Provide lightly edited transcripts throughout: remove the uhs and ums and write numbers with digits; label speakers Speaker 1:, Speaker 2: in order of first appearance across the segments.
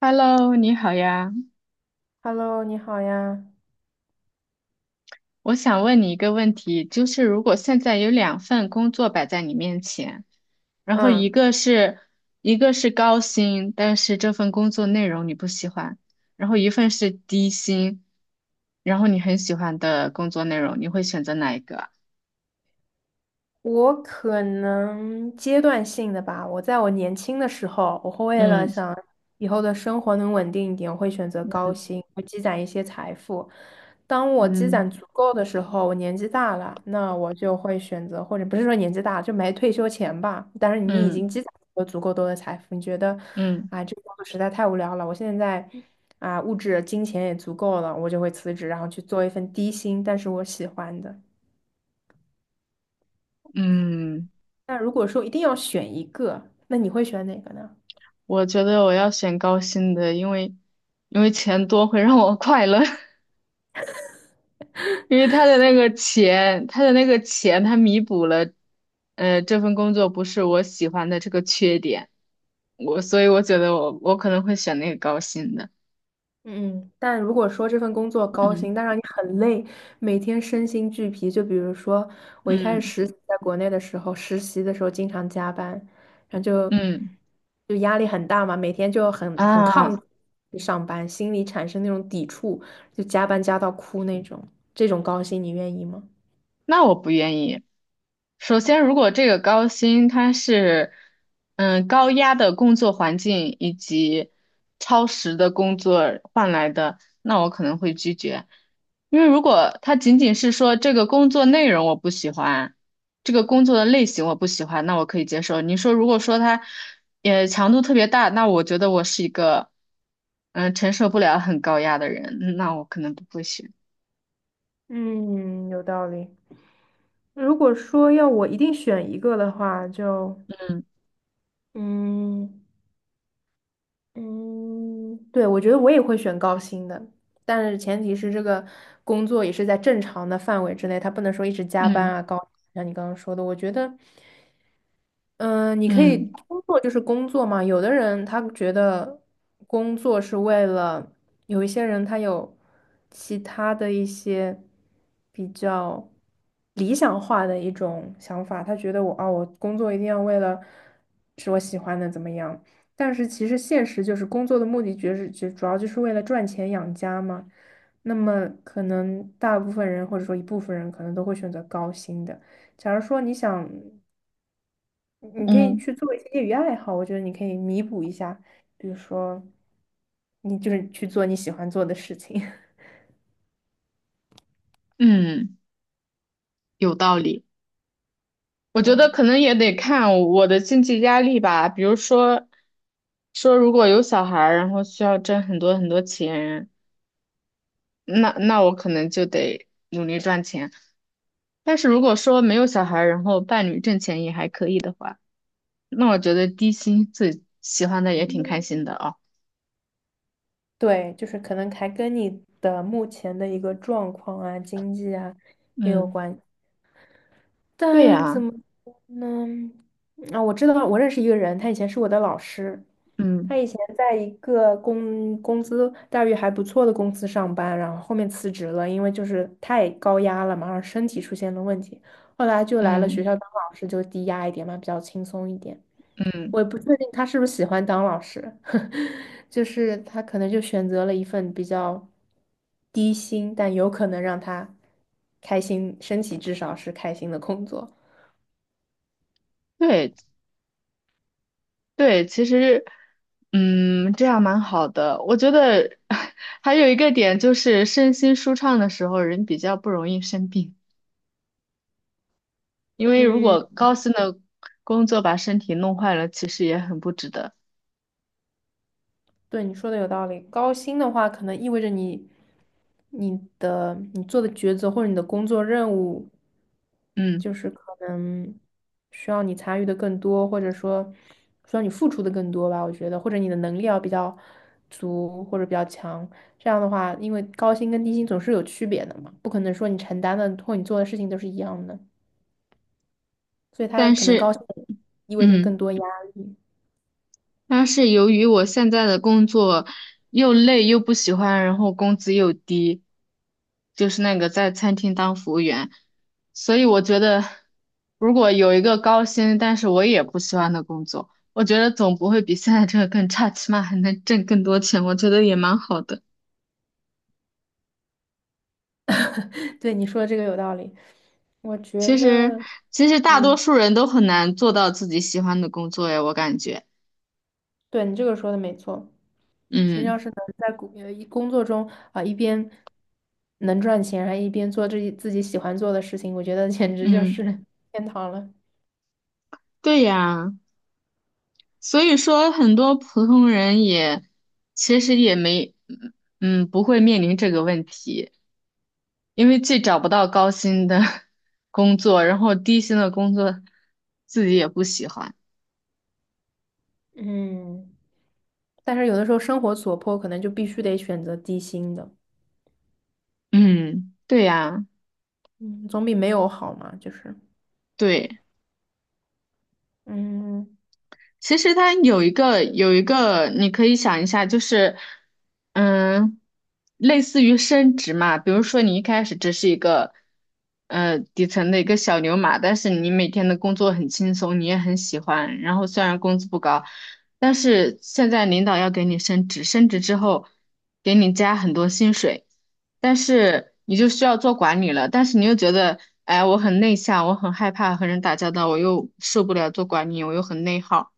Speaker 1: Hello，你好呀。
Speaker 2: Hello，你好呀。
Speaker 1: 我想问你一个问题，就是如果现在有两份工作摆在你面前，然后
Speaker 2: 嗯，
Speaker 1: 一个是高薪，但是这份工作内容你不喜欢，然后一份是低薪，然后你很喜欢的工作内容，你会选择哪一个啊？
Speaker 2: 我可能阶段性的吧。我在我年轻的时候，我会为了
Speaker 1: 嗯。
Speaker 2: 想以后的生活能稳定一点，我会选择高
Speaker 1: 嗯。
Speaker 2: 薪，会积攒一些财富。当我积
Speaker 1: 嗯。
Speaker 2: 攒足够的时候，我年纪大了，那我就会选择，或者不是说年纪大就没退休前吧。但是你已经
Speaker 1: 嗯。
Speaker 2: 积攒了足够多的财富，你觉得
Speaker 1: 嗯，
Speaker 2: 啊，这个工作实在太无聊了，我现在啊物质金钱也足够了，我就会辞职，然后去做一份低薪，但是我喜欢的。
Speaker 1: 嗯,
Speaker 2: 但如果说一定要选一个，那你会选哪个呢？
Speaker 1: 我觉得我要选高薪的，因为因为钱多会让我快乐。因为他的那个钱，他弥补了,这份工作不是我喜欢的这个缺点，所以我觉得我可能会选那个高薪的。
Speaker 2: 嗯，但如果说这份工作高薪，
Speaker 1: 嗯。
Speaker 2: 但让你很累，每天身心俱疲，就比如说我一开始
Speaker 1: 嗯。
Speaker 2: 实习在国内的时候，实习的时候经常加班，然后就
Speaker 1: 嗯。
Speaker 2: 就压力很大嘛，每天就很抗
Speaker 1: 啊，
Speaker 2: 拒上班，心里产生那种抵触，就加班加到哭那种。这种高薪你愿意吗？
Speaker 1: 那我不愿意。首先，如果这个高薪它是，嗯，高压的工作环境以及超时的工作换来的，那我可能会拒绝。因为如果他仅仅是说这个工作内容我不喜欢，这个工作的类型我不喜欢，那我可以接受。你说如果说他，也强度特别大，那我觉得我是一个，嗯、承受不了很高压的人，嗯那我可能不会选。
Speaker 2: 嗯，有道理。如果说要我一定选一个的话，就
Speaker 1: 嗯。
Speaker 2: 嗯。嗯，对，我觉得我也会选高薪的，但是前提是这个工作也是在正常的范围之内，他不能说一直加班
Speaker 1: 嗯。
Speaker 2: 啊，高，像你刚刚说的，我觉得。嗯，你可以
Speaker 1: 嗯。
Speaker 2: 工作就是工作嘛。有的人他觉得工作是为了，有一些人他有其他的一些比较理想化的一种想法，他觉得我啊，我工作一定要为了是我喜欢的怎么样。但是其实现实就是工作的目的，就是就主要就是为了赚钱养家嘛。那么可能大部分人或者说一部分人可能都会选择高薪的。假如说你想你可以
Speaker 1: 嗯。
Speaker 2: 去做一些业余爱好，我觉得你可以弥补一下，比如说，你就是去做你喜欢做的事情。
Speaker 1: 嗯，有道理。我觉得
Speaker 2: 对
Speaker 1: 可能也得看我的经济压力吧，比如说，说如果有小孩儿然后需要挣很多很多钱，那我可能就得努力赚钱。但是如果说没有小孩儿然后伴侣挣钱也还可以的话，那我觉得低薪自己喜欢的也挺开心的啊。
Speaker 2: 对，就是可能还跟你的目前的一个状况啊、经济啊也有
Speaker 1: 嗯，
Speaker 2: 关。
Speaker 1: 对
Speaker 2: 但怎
Speaker 1: 呀。
Speaker 2: 么说呢？啊，我知道，我认识一个人，他以前是我的老师，
Speaker 1: 嗯。
Speaker 2: 他以前在一个工资待遇还不错的公司上班，然后后面辞职了，因为就是太高压了嘛，然后身体出现了问题，后来就来了学
Speaker 1: 嗯。
Speaker 2: 校当老师，就低压一点嘛，比较轻松一点。
Speaker 1: 嗯，
Speaker 2: 我也不确定他是不是喜欢当老师，就是他可能就选择了一份比较低薪，但有可能让他开心，身体至少是开心的工作。
Speaker 1: 对对，其实嗯这样蛮好的。我觉得 还有一个点就是身心舒畅的时候，人比较不容易生病，因为如
Speaker 2: 嗯，
Speaker 1: 果高薪的工作把身体弄坏了，其实也很不值得。
Speaker 2: 对，你说的有道理。高薪的话，可能意味着你、你的、你做的抉择或者你的工作任务，
Speaker 1: 嗯，
Speaker 2: 就是可能需要你参与的更多，或者说需要你付出的更多吧。我觉得，或者你的能力要比较足或者比较强。这样的话，因为高薪跟低薪总是有区别的嘛，不可能说你承担的或你做的事情都是一样的，所以它
Speaker 1: 但
Speaker 2: 可能高
Speaker 1: 是
Speaker 2: 薪意味着
Speaker 1: 嗯。
Speaker 2: 更多压力。
Speaker 1: 但是由于我现在的工作又累又不喜欢，然后工资又低，就是那个在餐厅当服务员，所以我觉得如果有一个高薪，但是我也不喜欢的工作，我觉得总不会比现在这个更差，起码还能挣更多钱，我觉得也蛮好的。
Speaker 2: 对，你说的这个有道理。我觉
Speaker 1: 其实，
Speaker 2: 得，
Speaker 1: 其实大多
Speaker 2: 嗯，
Speaker 1: 数人都很难做到自己喜欢的工作呀，我感觉。
Speaker 2: 对你这个说的没错。其实要
Speaker 1: 嗯。
Speaker 2: 是能在工作中啊、一边能赚钱，还一边做自己喜欢做的事情，我觉得简直就是
Speaker 1: 嗯，
Speaker 2: 天堂了。
Speaker 1: 对呀。所以说，很多普通人也其实也没，嗯，不会面临这个问题，因为既找不到高薪的 工作，然后低薪的工作自己也不喜欢。
Speaker 2: 嗯，但是有的时候生活所迫，可能就必须得选择低薪的，
Speaker 1: 嗯，对呀，
Speaker 2: 嗯，总比没有好嘛。就是，
Speaker 1: 对。
Speaker 2: 嗯，
Speaker 1: 其实它有一个，你可以想一下，就是嗯，类似于升职嘛，比如说你一开始只是一个底层的一个小牛马，但是你每天的工作很轻松，你也很喜欢，然后虽然工资不高，但是现在领导要给你升职，升职之后给你加很多薪水。但是你就需要做管理了，但是你又觉得，哎，我很内向，我很害怕和人打交道，我又受不了做管理，我又很内耗，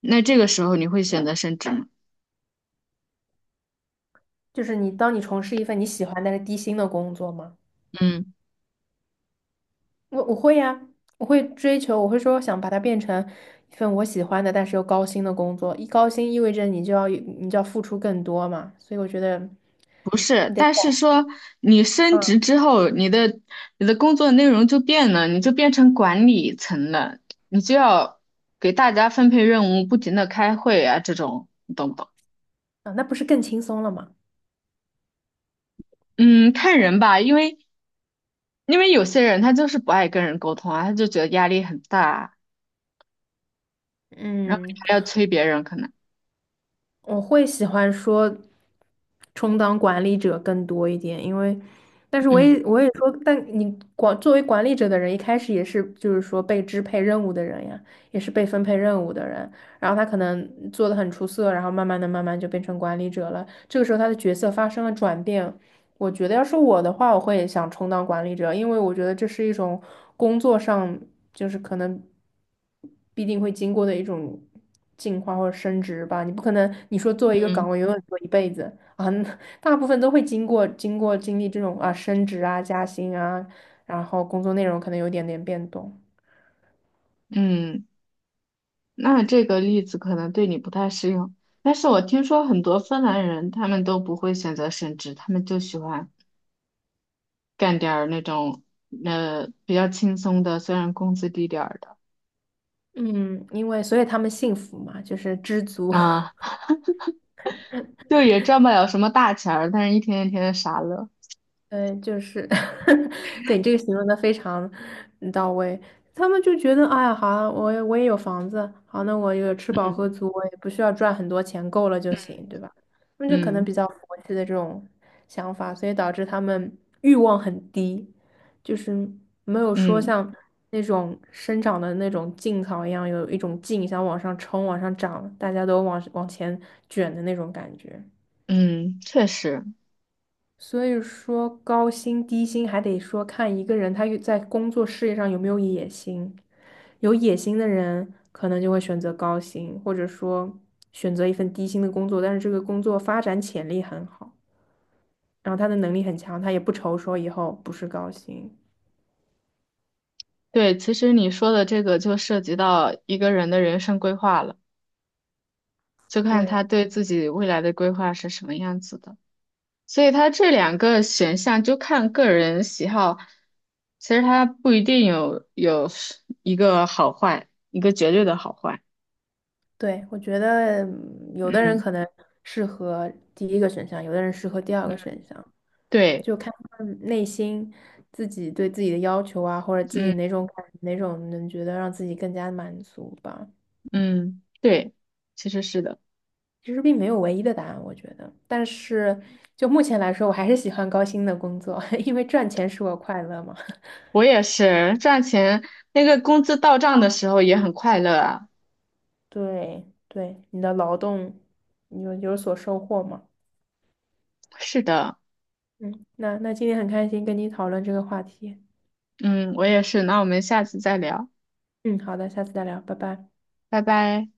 Speaker 1: 那这个时候你会选择升职吗？
Speaker 2: 就是你当你从事一份你喜欢但是低薪的工作嘛。
Speaker 1: 嗯，
Speaker 2: 我会呀，我会追求，我会说想把它变成一份我喜欢的，但是又高薪的工作。一高薪意味着你就要付出更多嘛，所以我觉得
Speaker 1: 不是，
Speaker 2: 你得
Speaker 1: 但是
Speaker 2: 改，
Speaker 1: 说你升
Speaker 2: 嗯，
Speaker 1: 职之后，你的工作内容就变了，你就变成管理层了，你就要给大家分配任务，不停的开会啊，这种你懂不懂？
Speaker 2: 啊，那不是更轻松了吗？
Speaker 1: 嗯，看人吧，因为有些人他就是不爱跟人沟通啊，他就觉得压力很大啊，然后你
Speaker 2: 嗯，
Speaker 1: 还要催别人，可能，
Speaker 2: 我会喜欢说充当管理者更多一点，因为，但是我
Speaker 1: 嗯。
Speaker 2: 也我也说，但你管作为管理者的人，一开始也是就是说被支配任务的人呀，也是被分配任务的人，然后他可能做的很出色，然后慢慢就变成管理者了，这个时候他的角色发生了转变，我觉得要是我的话，我会想充当管理者，因为我觉得这是一种工作上就是可能必定会经过的一种进化或者升职吧。你不可能你说做一个岗
Speaker 1: 嗯。
Speaker 2: 位永远做一辈子啊，那大部分都会经过经历这种啊升职啊加薪啊，然后工作内容可能有点点变动。
Speaker 1: 嗯。那这个例子可能对你不太适用，但是我听说很多芬兰人他们都不会选择升职，他们就喜欢干点儿那种比较轻松的，虽然工资低点儿的
Speaker 2: 嗯，因为所以他们幸福嘛，就是知足。
Speaker 1: 啊，就也赚不了什么大钱儿，但是一天一天的傻乐。
Speaker 2: 嗯，就是，对，你这个形容的非常嗯到位。他们就觉得，哎呀，好啊，我也有房子，好，那我有吃饱喝足，我也不需要赚很多钱，够了就行，对吧？他们就可能比
Speaker 1: 嗯。
Speaker 2: 较佛系的这种想法，所以导致他们欲望很低，就是没有说
Speaker 1: 嗯。
Speaker 2: 像那种生长的那种劲草一样，有一种劲想往上冲、往上涨，大家都往前卷的那种感觉。
Speaker 1: 嗯，确实，
Speaker 2: 所以说高薪低薪还得说看一个人他有在工作事业上有没有野心。有野心的人可能就会选择高薪，或者说选择一份低薪的工作，但是这个工作发展潜力很好，然后他的能力很强，他也不愁说以后不是高薪。
Speaker 1: 对，其实你说的这个就涉及到一个人的人生规划了，就看他
Speaker 2: 对
Speaker 1: 对自己未来的规划是什么样子的。所以它这两个选项就看个人喜好，其实它不一定有一个好坏，一个绝对的好坏。
Speaker 2: 对，我觉得嗯有的人
Speaker 1: 嗯，
Speaker 2: 可能适合第一个选项，有的人适合第二个选项。
Speaker 1: 对。
Speaker 2: 就看他们内心自己对自己的要求啊，或者自
Speaker 1: 嗯。
Speaker 2: 己哪种能觉得让自己更加满足吧。
Speaker 1: 嗯，对，其实是的，
Speaker 2: 其实并没有唯一的答案，我觉得。但是就目前来说，我还是喜欢高薪的工作，因为赚钱使我快乐嘛。
Speaker 1: 我也是赚钱，那个工资到账的时候也很快乐啊。
Speaker 2: 对，你的劳动你有所收获嘛？
Speaker 1: 是的。
Speaker 2: 嗯，那今天很开心跟你讨论这个话题。
Speaker 1: 嗯，我也是。那我们下次再聊，
Speaker 2: 嗯，好的，下次再聊，拜拜。
Speaker 1: 拜拜。